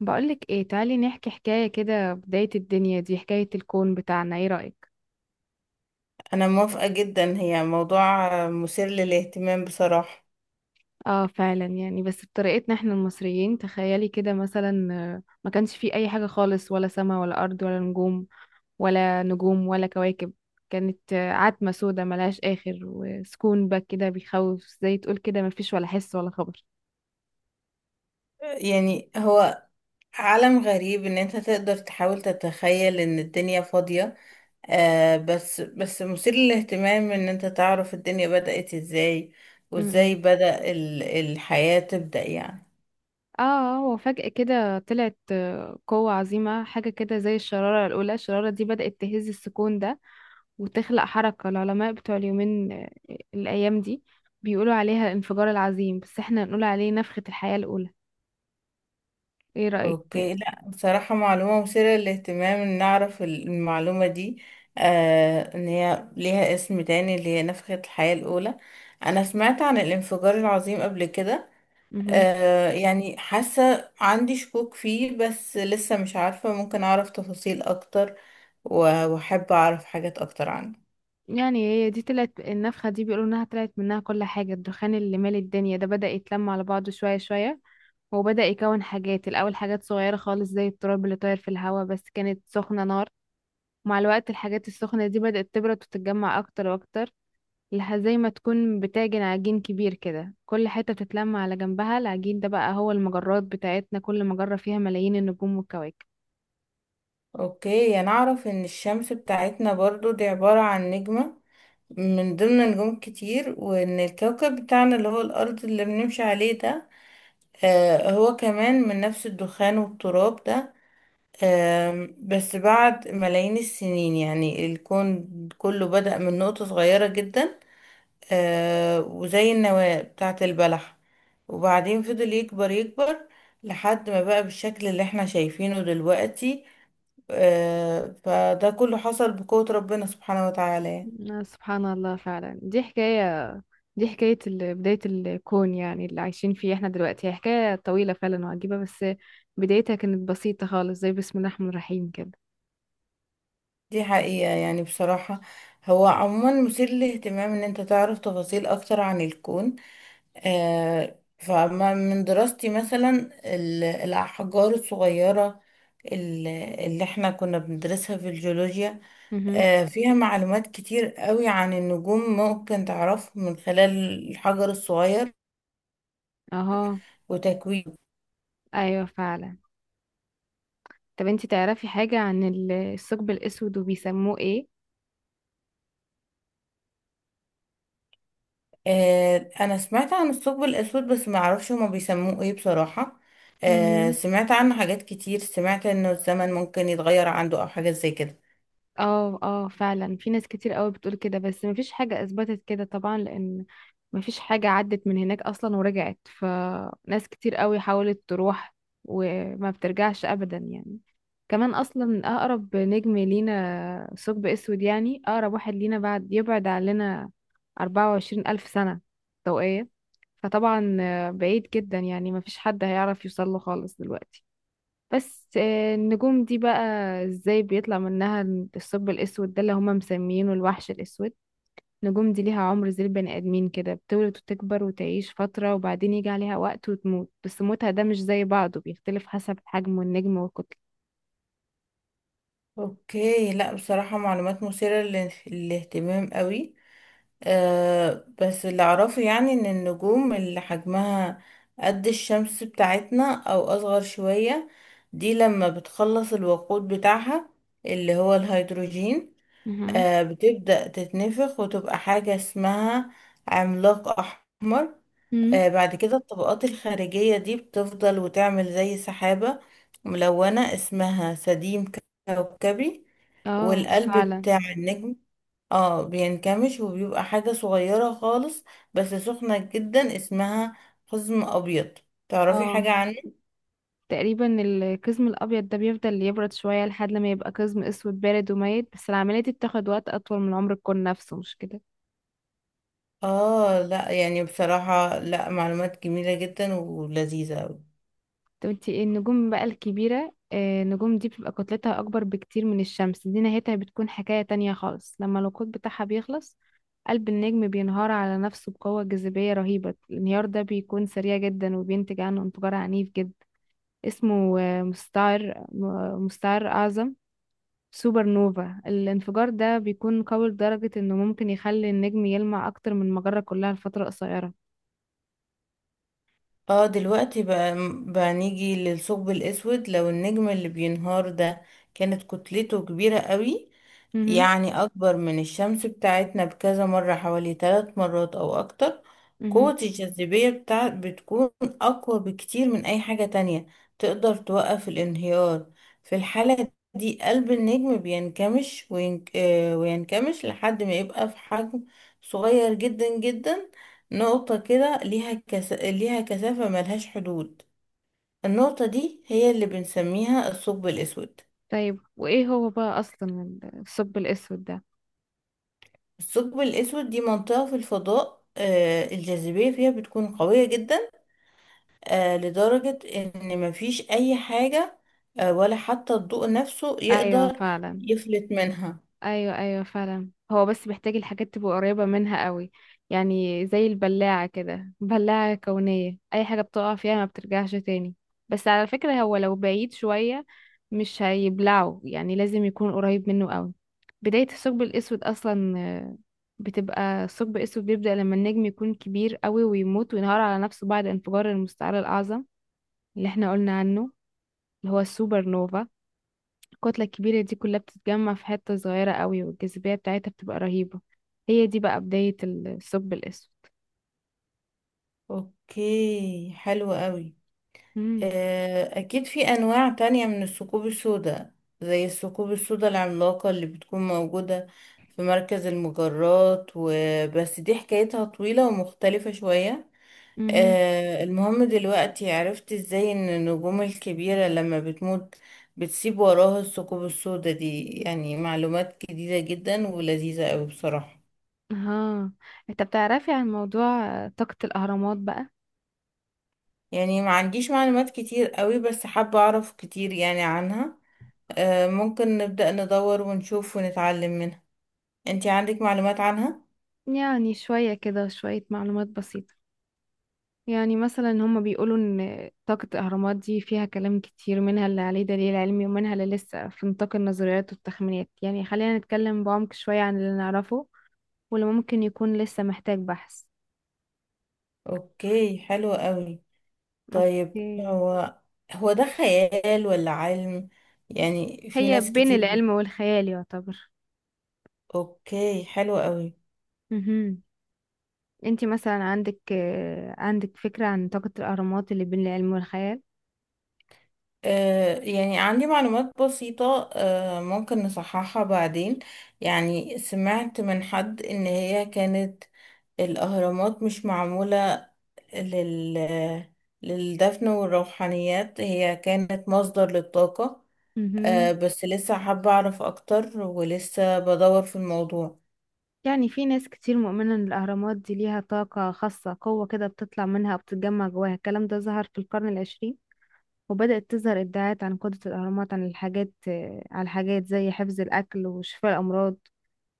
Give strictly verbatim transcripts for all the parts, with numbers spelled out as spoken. بقولك ايه تعالي نحكي حكاية كده، بداية الدنيا دي حكاية الكون بتاعنا، ايه رأيك؟ انا موافقة جدا، هي موضوع مثير للاهتمام بصراحة. اه فعلا، يعني بس بطريقتنا احنا المصريين، تخيلي كده مثلا آه، ما كانش فيه اي حاجة خالص، ولا سما ولا ارض ولا نجوم ولا نجوم ولا كواكب. كانت آه، عتمة سودة ملهاش اخر، وسكون بقى كده بيخوف، زي تقول كده ما فيش ولا حس ولا خبر. يعني هو عالم غريب ان انت تقدر تحاول تتخيل ان الدنيا فاضية. آه بس بس مثير للاهتمام ان انت تعرف الدنيا بدأت ازاي. وازاي امم. بدأ ال- الحياة تبدأ يعني. اه، وفجأة كده طلعت آه، قوة عظيمة، حاجة كده زي الشرارة الأولى. الشرارة دي بدأت تهز السكون ده وتخلق حركة. العلماء بتوع اليومين آه، الأيام دي بيقولوا عليها الانفجار العظيم، بس احنا نقول عليه نفخة الحياة الأولى. ايه رأيك؟ اوكي، لا بصراحة، معلومة مثيرة للاهتمام ان نعرف ال- المعلومة دي. آه ان هي ليها اسم تاني، اللي هي نفخة الحياة الاولى. انا سمعت عن الانفجار العظيم قبل كده. مهم. آه يعني حاسة عندي شكوك فيه، بس لسه مش عارفة، ممكن أعرف تفاصيل أكتر. و- وأحب أعرف حاجات أكتر عنه. يعني هي دي، طلعت النفخة دي بيقولوا انها طلعت منها كل حاجة. الدخان اللي مال الدنيا ده بدأ يتلم على بعضه شوية شوية، وبدأ يكون حاجات. الأول حاجات صغيرة خالص زي التراب اللي طاير في الهواء، بس كانت سخنة نار. مع الوقت الحاجات السخنة دي بدأت تبرد وتتجمع أكتر وأكتر، لح- زي ما تكون بتعجن عجين كبير كده، كل حتة بتتلم على جنبها. العجين ده بقى هو المجرات بتاعتنا، كل مجرة فيها ملايين النجوم والكواكب. أوكي، أنا أعرف إن الشمس بتاعتنا برضو دي عبارة عن نجمة، من ضمن نجوم كتير، وإن الكوكب بتاعنا اللي هو الأرض اللي بنمشي عليه ده، آه هو كمان من نفس الدخان والتراب ده. آم، بس بعد ملايين السنين، يعني الكون كله بدأ من نقطة صغيرة جدا، آه وزي النواة بتاعة البلح، وبعدين فضل يكبر يكبر لحد ما بقى بالشكل اللي احنا شايفينه دلوقتي. آه فده كله حصل بقوة ربنا سبحانه وتعالى. آه، سبحان الله فعلا. دي حكاية دي حكاية ال- بداية الكون، يعني اللي عايشين فيه احنا دلوقتي، هي حكاية طويلة فعلا وعجيبة، بس بدايتها كانت بسيطة خالص، زي بسم الله الرحمن الرحيم كده. دي حقيقة يعني، بصراحة. هو عموما مثير للاهتمام ان انت تعرف تفاصيل اكتر عن الكون. آه فما من دراستي مثلا، ال- الاحجار الصغيرة، ال- اللي احنا كنا بندرسها في الجيولوجيا، مهم. آه، فيها معلومات كتير قوي عن النجوم، ممكن تعرفه من خلال الحجر الصغير اهو. وتكوينه. ايوه فعلا. طب انتي تعرفي حاجة عن ال- الثقب الأسود وبيسموه ايه؟ آه، انا سمعت عن الثقب الاسود، بس ما اعرفش هما بيسموه ايه بصراحة. آه، مهم. سمعت عنه حاجات كتير، سمعت انه الزمن ممكن يتغير عنده، او حاجات زي كده. اه اه فعلا، في ناس كتير قوي بتقول كده، بس مفيش حاجة اثبتت كده طبعا، لان مفيش حاجة عدت من هناك اصلا ورجعت، فناس كتير قوي حاولت تروح وما بترجعش ابدا يعني. كمان اصلا اقرب نجم لينا ثقب اسود، يعني اقرب واحد لينا، بعد يبعد عننا اربعة وعشرين الف سنة ضوئية. فطبعا آه، بعيد جدا، يعني مفيش حد هيعرف يوصل له خالص دلوقتي. بس آه، النجوم دي بقى ازاي بيطلع منها الثقب الاسود ده اللي هما مسميينه الوحش الاسود؟ النجوم دي ليها عمر زي البني ادمين كده، بتولد وتكبر وتعيش فترة، وبعدين يجي عليها وقت وتموت، بس موتها ده مش زي بعضه، بيختلف حسب حجم النجم والكتلة. اوكي، لا بصراحة، معلومات مثيرة للاهتمام قوي. آه بس اللي اعرفه يعني ان النجوم اللي حجمها قد الشمس بتاعتنا او اصغر شوية، دي لما بتخلص الوقود بتاعها اللي هو الهيدروجين، مهم. آه بتبدأ تتنفخ وتبقى حاجة اسمها عملاق احمر. مم. آه بعد كده، الطبقات الخارجية دي بتفضل وتعمل زي سحابة ملونة، اسمها سديم كوكبي. اه والقلب فعلا. بتاع النجم اه بينكمش وبيبقى حاجة صغيرة خالص، بس سخنة جدا، اسمها قزم أبيض. تعرفي اه، حاجة عنه؟ تقريبا القزم الابيض ده بيفضل يبرد شوية لحد ما يبقى قزم اسود بارد وميت، بس العملية دي بتاخد وقت اطول من عمر الكون نفسه، مش كده؟ اه، لا يعني بصراحة، لا، معلومات جميلة جدا ولذيذة. طب انتي، ايه النجوم بقى الكبيرة؟ آه، النجوم دي بتبقى كتلتها أكبر بكتير من الشمس، دي نهايتها بتكون حكاية تانية خالص. لما الوقود بتاعها بيخلص، قلب النجم بينهار على نفسه بقوة جاذبية رهيبة. الانهيار ده بيكون سريع جدا، وبينتج عنه انفجار عنيف جدا اسمه آه، مستعر م- مستعر أعظم، سوبر نوفا. الانفجار ده بيكون قوي لدرجة انه ممكن يخلي النجم يلمع أكتر من المجرة كلها لفترة قصيرة. اه، دلوقتي بقى، بقى نيجي للثقب الاسود، لو النجم اللي بينهار ده كانت كتلته كبيرة قوي، مهم. يعني اكبر من الشمس بتاعتنا بكذا مرة، حوالي ثلاث مرات او اكتر. مهم. قوة الجاذبية بتاع بتكون اقوى بكتير من اي حاجة تانية تقدر توقف الانهيار. في الحالة دي، قلب النجم بينكمش وين... آه، وينكمش لحد ما يبقى في حجم صغير جدا جدا، نقطة كده ليها كس... ليها كثافة ملهاش حدود. النقطة دي هي اللي بنسميها الثقب الأسود. طيب، وإيه هو بقى أصلا الثقب الأسود ده؟ الثقب الأسود دي منطقة في الفضاء، آه، الجاذبية فيها بتكون قوية جدا، آه، لدرجة إن مفيش أي حاجة، آه، ولا حتى الضوء نفسه ايوه يقدر فعلا. يفلت منها. ايوه ايوه فعلا، هو بس محتاج الحاجات تبقى قريبه منها قوي، يعني زي البلاعه كده، بلاعه كونيه، اي حاجه بتقع فيها ما بترجعش تاني. بس على فكره، هو لو بعيد شويه مش هيبلعه، يعني لازم يكون قريب منه قوي. بدايه الثقب الاسود اصلا آه، بتبقى، الثقب الاسود بيبدا لما النجم يكون كبير قوي ويموت وينهار على نفسه بعد انفجار المستعر الاعظم اللي احنا قلنا عنه، اللي هو السوبر نوفا. الكتلة الكبيرة دي كلها بتتجمع في حتة صغيرة قوي، والجاذبية بتاعتها بتبقى رهيبة. هي دي بقى بداية الثقب الأسود. أوكي، حلو قوي. امم. آه، أكيد في أنواع تانية من الثقوب السوداء، زي الثقوب السوداء العملاقة اللي بتكون موجودة في مركز المجرات، وبس دي حكايتها طويلة ومختلفة شوية. امم. آه، المهم دلوقتي عرفت ازاي ان النجوم الكبيرة لما بتموت بتسيب وراها الثقوب السوداء دي، يعني معلومات جديدة جدا ولذيذة قوي بصراحة. ها، انت بتعرفي عن موضوع آه، طاقة الأهرامات بقى؟ يعني ما عنديش معلومات كتير قوي، بس حابة اعرف كتير يعني عنها. آه، ممكن نبدأ ندور ونشوف ونتعلم منها. انتي عندك معلومات عنها؟ يعني شوية كده، شوية معلومات بسيطة. يعني مثلا هما بيقولوا ان طاقة الأهرامات دي فيها كلام كتير، منها اللي عليه دليل علمي ومنها اللي لسه في نطاق النظريات والتخمينات. يعني خلينا نتكلم بعمق شوية عن اللي نعرفه واللي ممكن يكون لسه محتاج بحث. اوكي، حلو قوي. طيب، اوكي. هو هو ده خيال ولا علم؟ يعني في هي ناس بين كتير. العلم والخيال يعتبر. اوكي، حلو قوي. مهم. انتي مثلا عندك آه، عندك فكرة عن طاقة الأهرامات اللي بين العلم والخيال؟ آه يعني عندي معلومات بسيطة، آه ممكن نصححها بعدين. يعني سمعت من حد ان هي كانت الاهرامات مش معمولة لل... للدفن والروحانيات، هي كانت مصدر للطاقة. آه مهم. بس لسه حابة أعرف أكتر، ولسه بدور في الموضوع. يعني في ناس كتير مؤمنة إن الأهرامات دي ليها طاقة خاصة، قوة كده بتطلع منها وبتتجمع جواها. الكلام ده ظهر في القرن العشرين، وبدأت تظهر ادعاءات عن قدرة الأهرامات عن الحاجات آه، على الحاجات زي حفظ الأكل وشفاء الأمراض،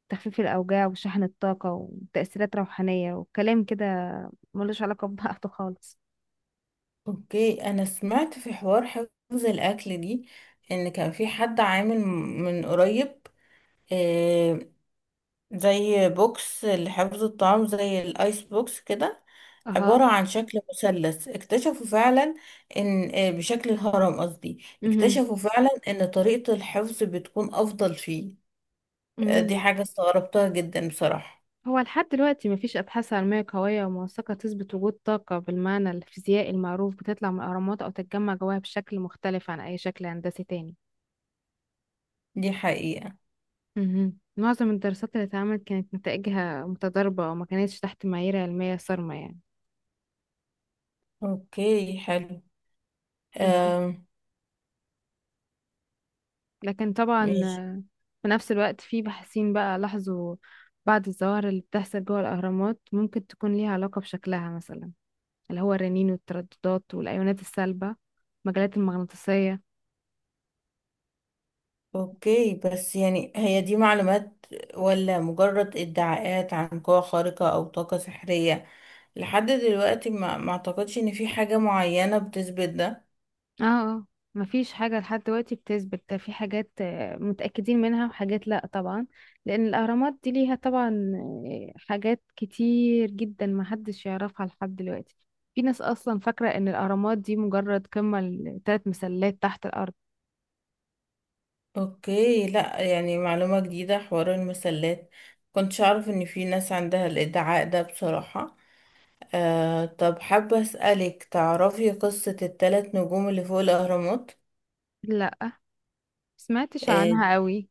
تخفيف الأوجاع وشحن الطاقة وتأثيرات روحانية، وكلام كده ملوش علاقة ببعضه خالص. أوكي، أنا سمعت في حوار حفظ الأكل دي، إن كان في حد عامل من قريب آه، زي بوكس لحفظ الطعام، زي الايس بوكس كده، اها. عبارة عن شكل مثلث. اكتشفوا فعلا ان آه، بشكل الهرم، قصدي مهم. اكتشفوا فعلا ان طريقة الحفظ بتكون افضل فيه. آه، دي مم. حاجة استغربتها جدا بصراحة. هو لحد دلوقتي مفيش أبحاث علمية قوية وموثقة تثبت وجود طاقة بالمعنى الفيزيائي المعروف بتطلع من الأهرامات أو تتجمع جواها بشكل مختلف عن أي شكل هندسي تاني. دي حقيقة. مهم. معظم الدراسات اللي اتعملت كانت نتائجها متضاربة، وما كانتش تحت معايير علمية صارمة يعني. اوكي، حلو. مهم. آم، لكن طبعا ماشي. آه، في نفس الوقت في باحثين بقى لاحظوا بعض الظواهر اللي بتحصل جوه الأهرامات، ممكن تكون ليها علاقة بشكلها مثلا، اللي هو الرنين والترددات والأيونات السالبة، المجالات المغناطيسية. اوكي، بس يعني هي دي معلومات ولا مجرد ادعاءات عن قوة خارقة او طاقة سحرية؟ لحد دلوقتي، ما ما اعتقدش ان في حاجة معينة بتثبت ده. اه اه، مفيش حاجة لحد دلوقتي بتثبت ده. في حاجات آه، متأكدين منها، وحاجات لأ طبعا، لأن الأهرامات دي ليها طبعا آه، حاجات كتير جدا محدش يعرفها لحد دلوقتي. في ناس أصلا فاكرة إن الأهرامات دي مجرد قمة لتلات مسلات تحت الأرض. اوكي، لا، يعني معلومة جديدة حوار المسلات، كنتش اعرف ان في ناس عندها الادعاء ده بصراحة. آه طب، حابة اسألك، تعرفي قصة الثلاث نجوم اللي فوق الاهرامات؟ لأ، مسمعتش آه عنها قوي.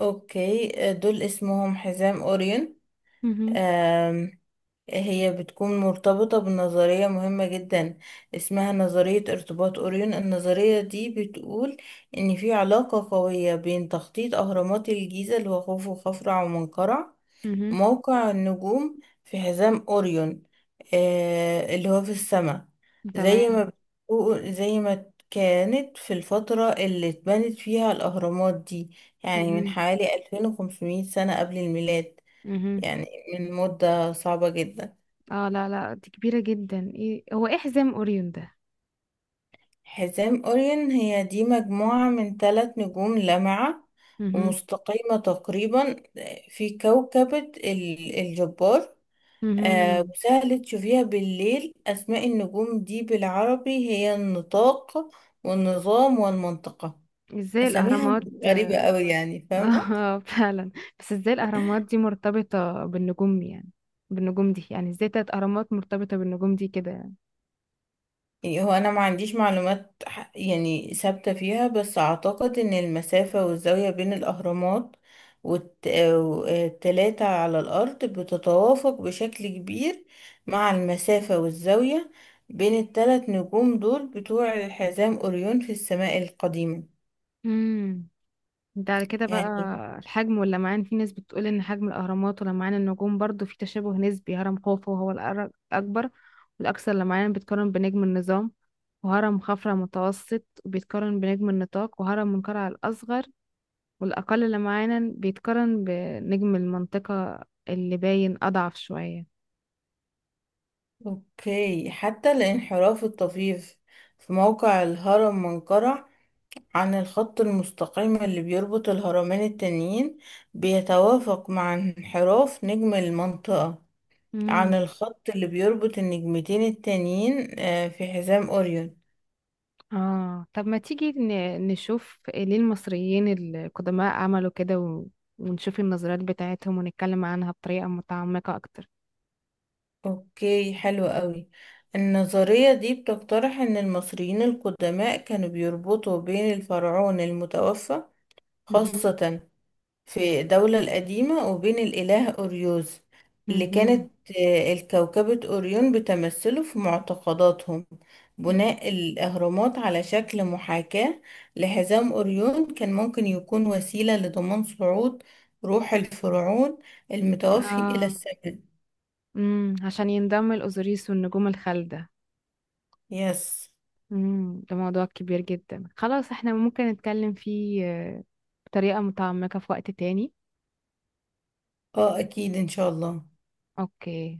اوكي، آه، دول اسمهم حزام اوريون. مهم. آم، هي بتكون مرتبطة بنظرية مهمة جدا، اسمها نظرية ارتباط أوريون. النظرية دي بتقول إن في علاقة قوية بين تخطيط أهرامات الجيزة، اللي هو خوفو وخفرع ومنقرع، مهم. موقع النجوم في حزام أوريون، آه اللي هو في السماء. زي تمام. ما بتقول، زي ما كانت في الفترة اللي اتبنت فيها الأهرامات دي، يعني من مهم. حوالي ألفين وخمسمية سنة قبل الميلاد. مهم. يعني من مدة صعبة جدا. اه لا لا، دي كبيرة جدا. ايه هو، ايه حزام أوريون ده؟ حزام أوريون هي دي مجموعة من ثلاث نجوم لامعة مهم. ومستقيمة تقريبا، في كوكبة ال- الجبار. آه، مهم. وسهل تشوفيها بالليل. أسماء النجوم دي بالعربي هي النطاق والنظام والمنطقة. ازاي أساميها الأهرامات؟ غريبة أوي يعني، فاهمة. اه فعلا. بس ازاي الاهرامات دي مرتبطة بالنجوم يعني، بالنجوم دي؟ يعني ازاي تلات اهرامات مرتبطة بالنجوم دي كده يعني؟ يعني هو انا ما عنديش معلومات ح- يعني ثابتة فيها، بس اعتقد ان المسافة والزاوية بين الاهرامات والتلاتة على الارض بتتوافق بشكل كبير مع المسافة والزاوية بين التلات نجوم دول بتوع حزام اوريون في السماء القديمة امم. ده على كده بقى، يعني. الحجم واللمعان، في ناس بتقول ان حجم الاهرامات ولمعان النجوم برضو في تشابه نسبي. هرم خوفو هو الأر- الاكبر والاكثر لمعان، بيتقارن بنجم النظام. وهرم خفرع متوسط بيتقارن بنجم النطاق. وهرم منقرع الاصغر والاقل لمعانا بيتقارن بنجم المنطقة اللي باين اضعف شوية. اوكي، حتى الانحراف الطفيف في موقع الهرم منقرع عن الخط المستقيم اللي بيربط الهرمين التانيين بيتوافق مع انحراف نجم المنطقة عن الخط اللي بيربط النجمتين التانيين، آه، في حزام أوريون. اه، طب ما تيجي ن- نشوف ليه المصريين القدماء عملوا كده و- ونشوف النظريات بتاعتهم ونتكلم عنها بطريقة متعمقة أكتر. أوكي، حلو قوي. النظرية دي بتقترح إن المصريين القدماء كانوا بيربطوا بين الفرعون المتوفى، مهم. خاصة في الدولة القديمة، وبين الإله أوريوس، اللي مهم. كانت آه، الكوكبة أوريون بتمثله في معتقداتهم. بناء الأهرامات على شكل محاكاة لحزام أوريون كان ممكن يكون وسيلة لضمان صعود روح الفرعون المتوفي إلى اه. السماء. امم، عشان ينضم الأوزوريس والنجوم الخالدة. يس، امم، ده موضوع كبير جدا خلاص، احنا ممكن نتكلم فيه آه، بطريقة متعمقة في وقت تاني. اه أكيد إن شاء الله. اوكي.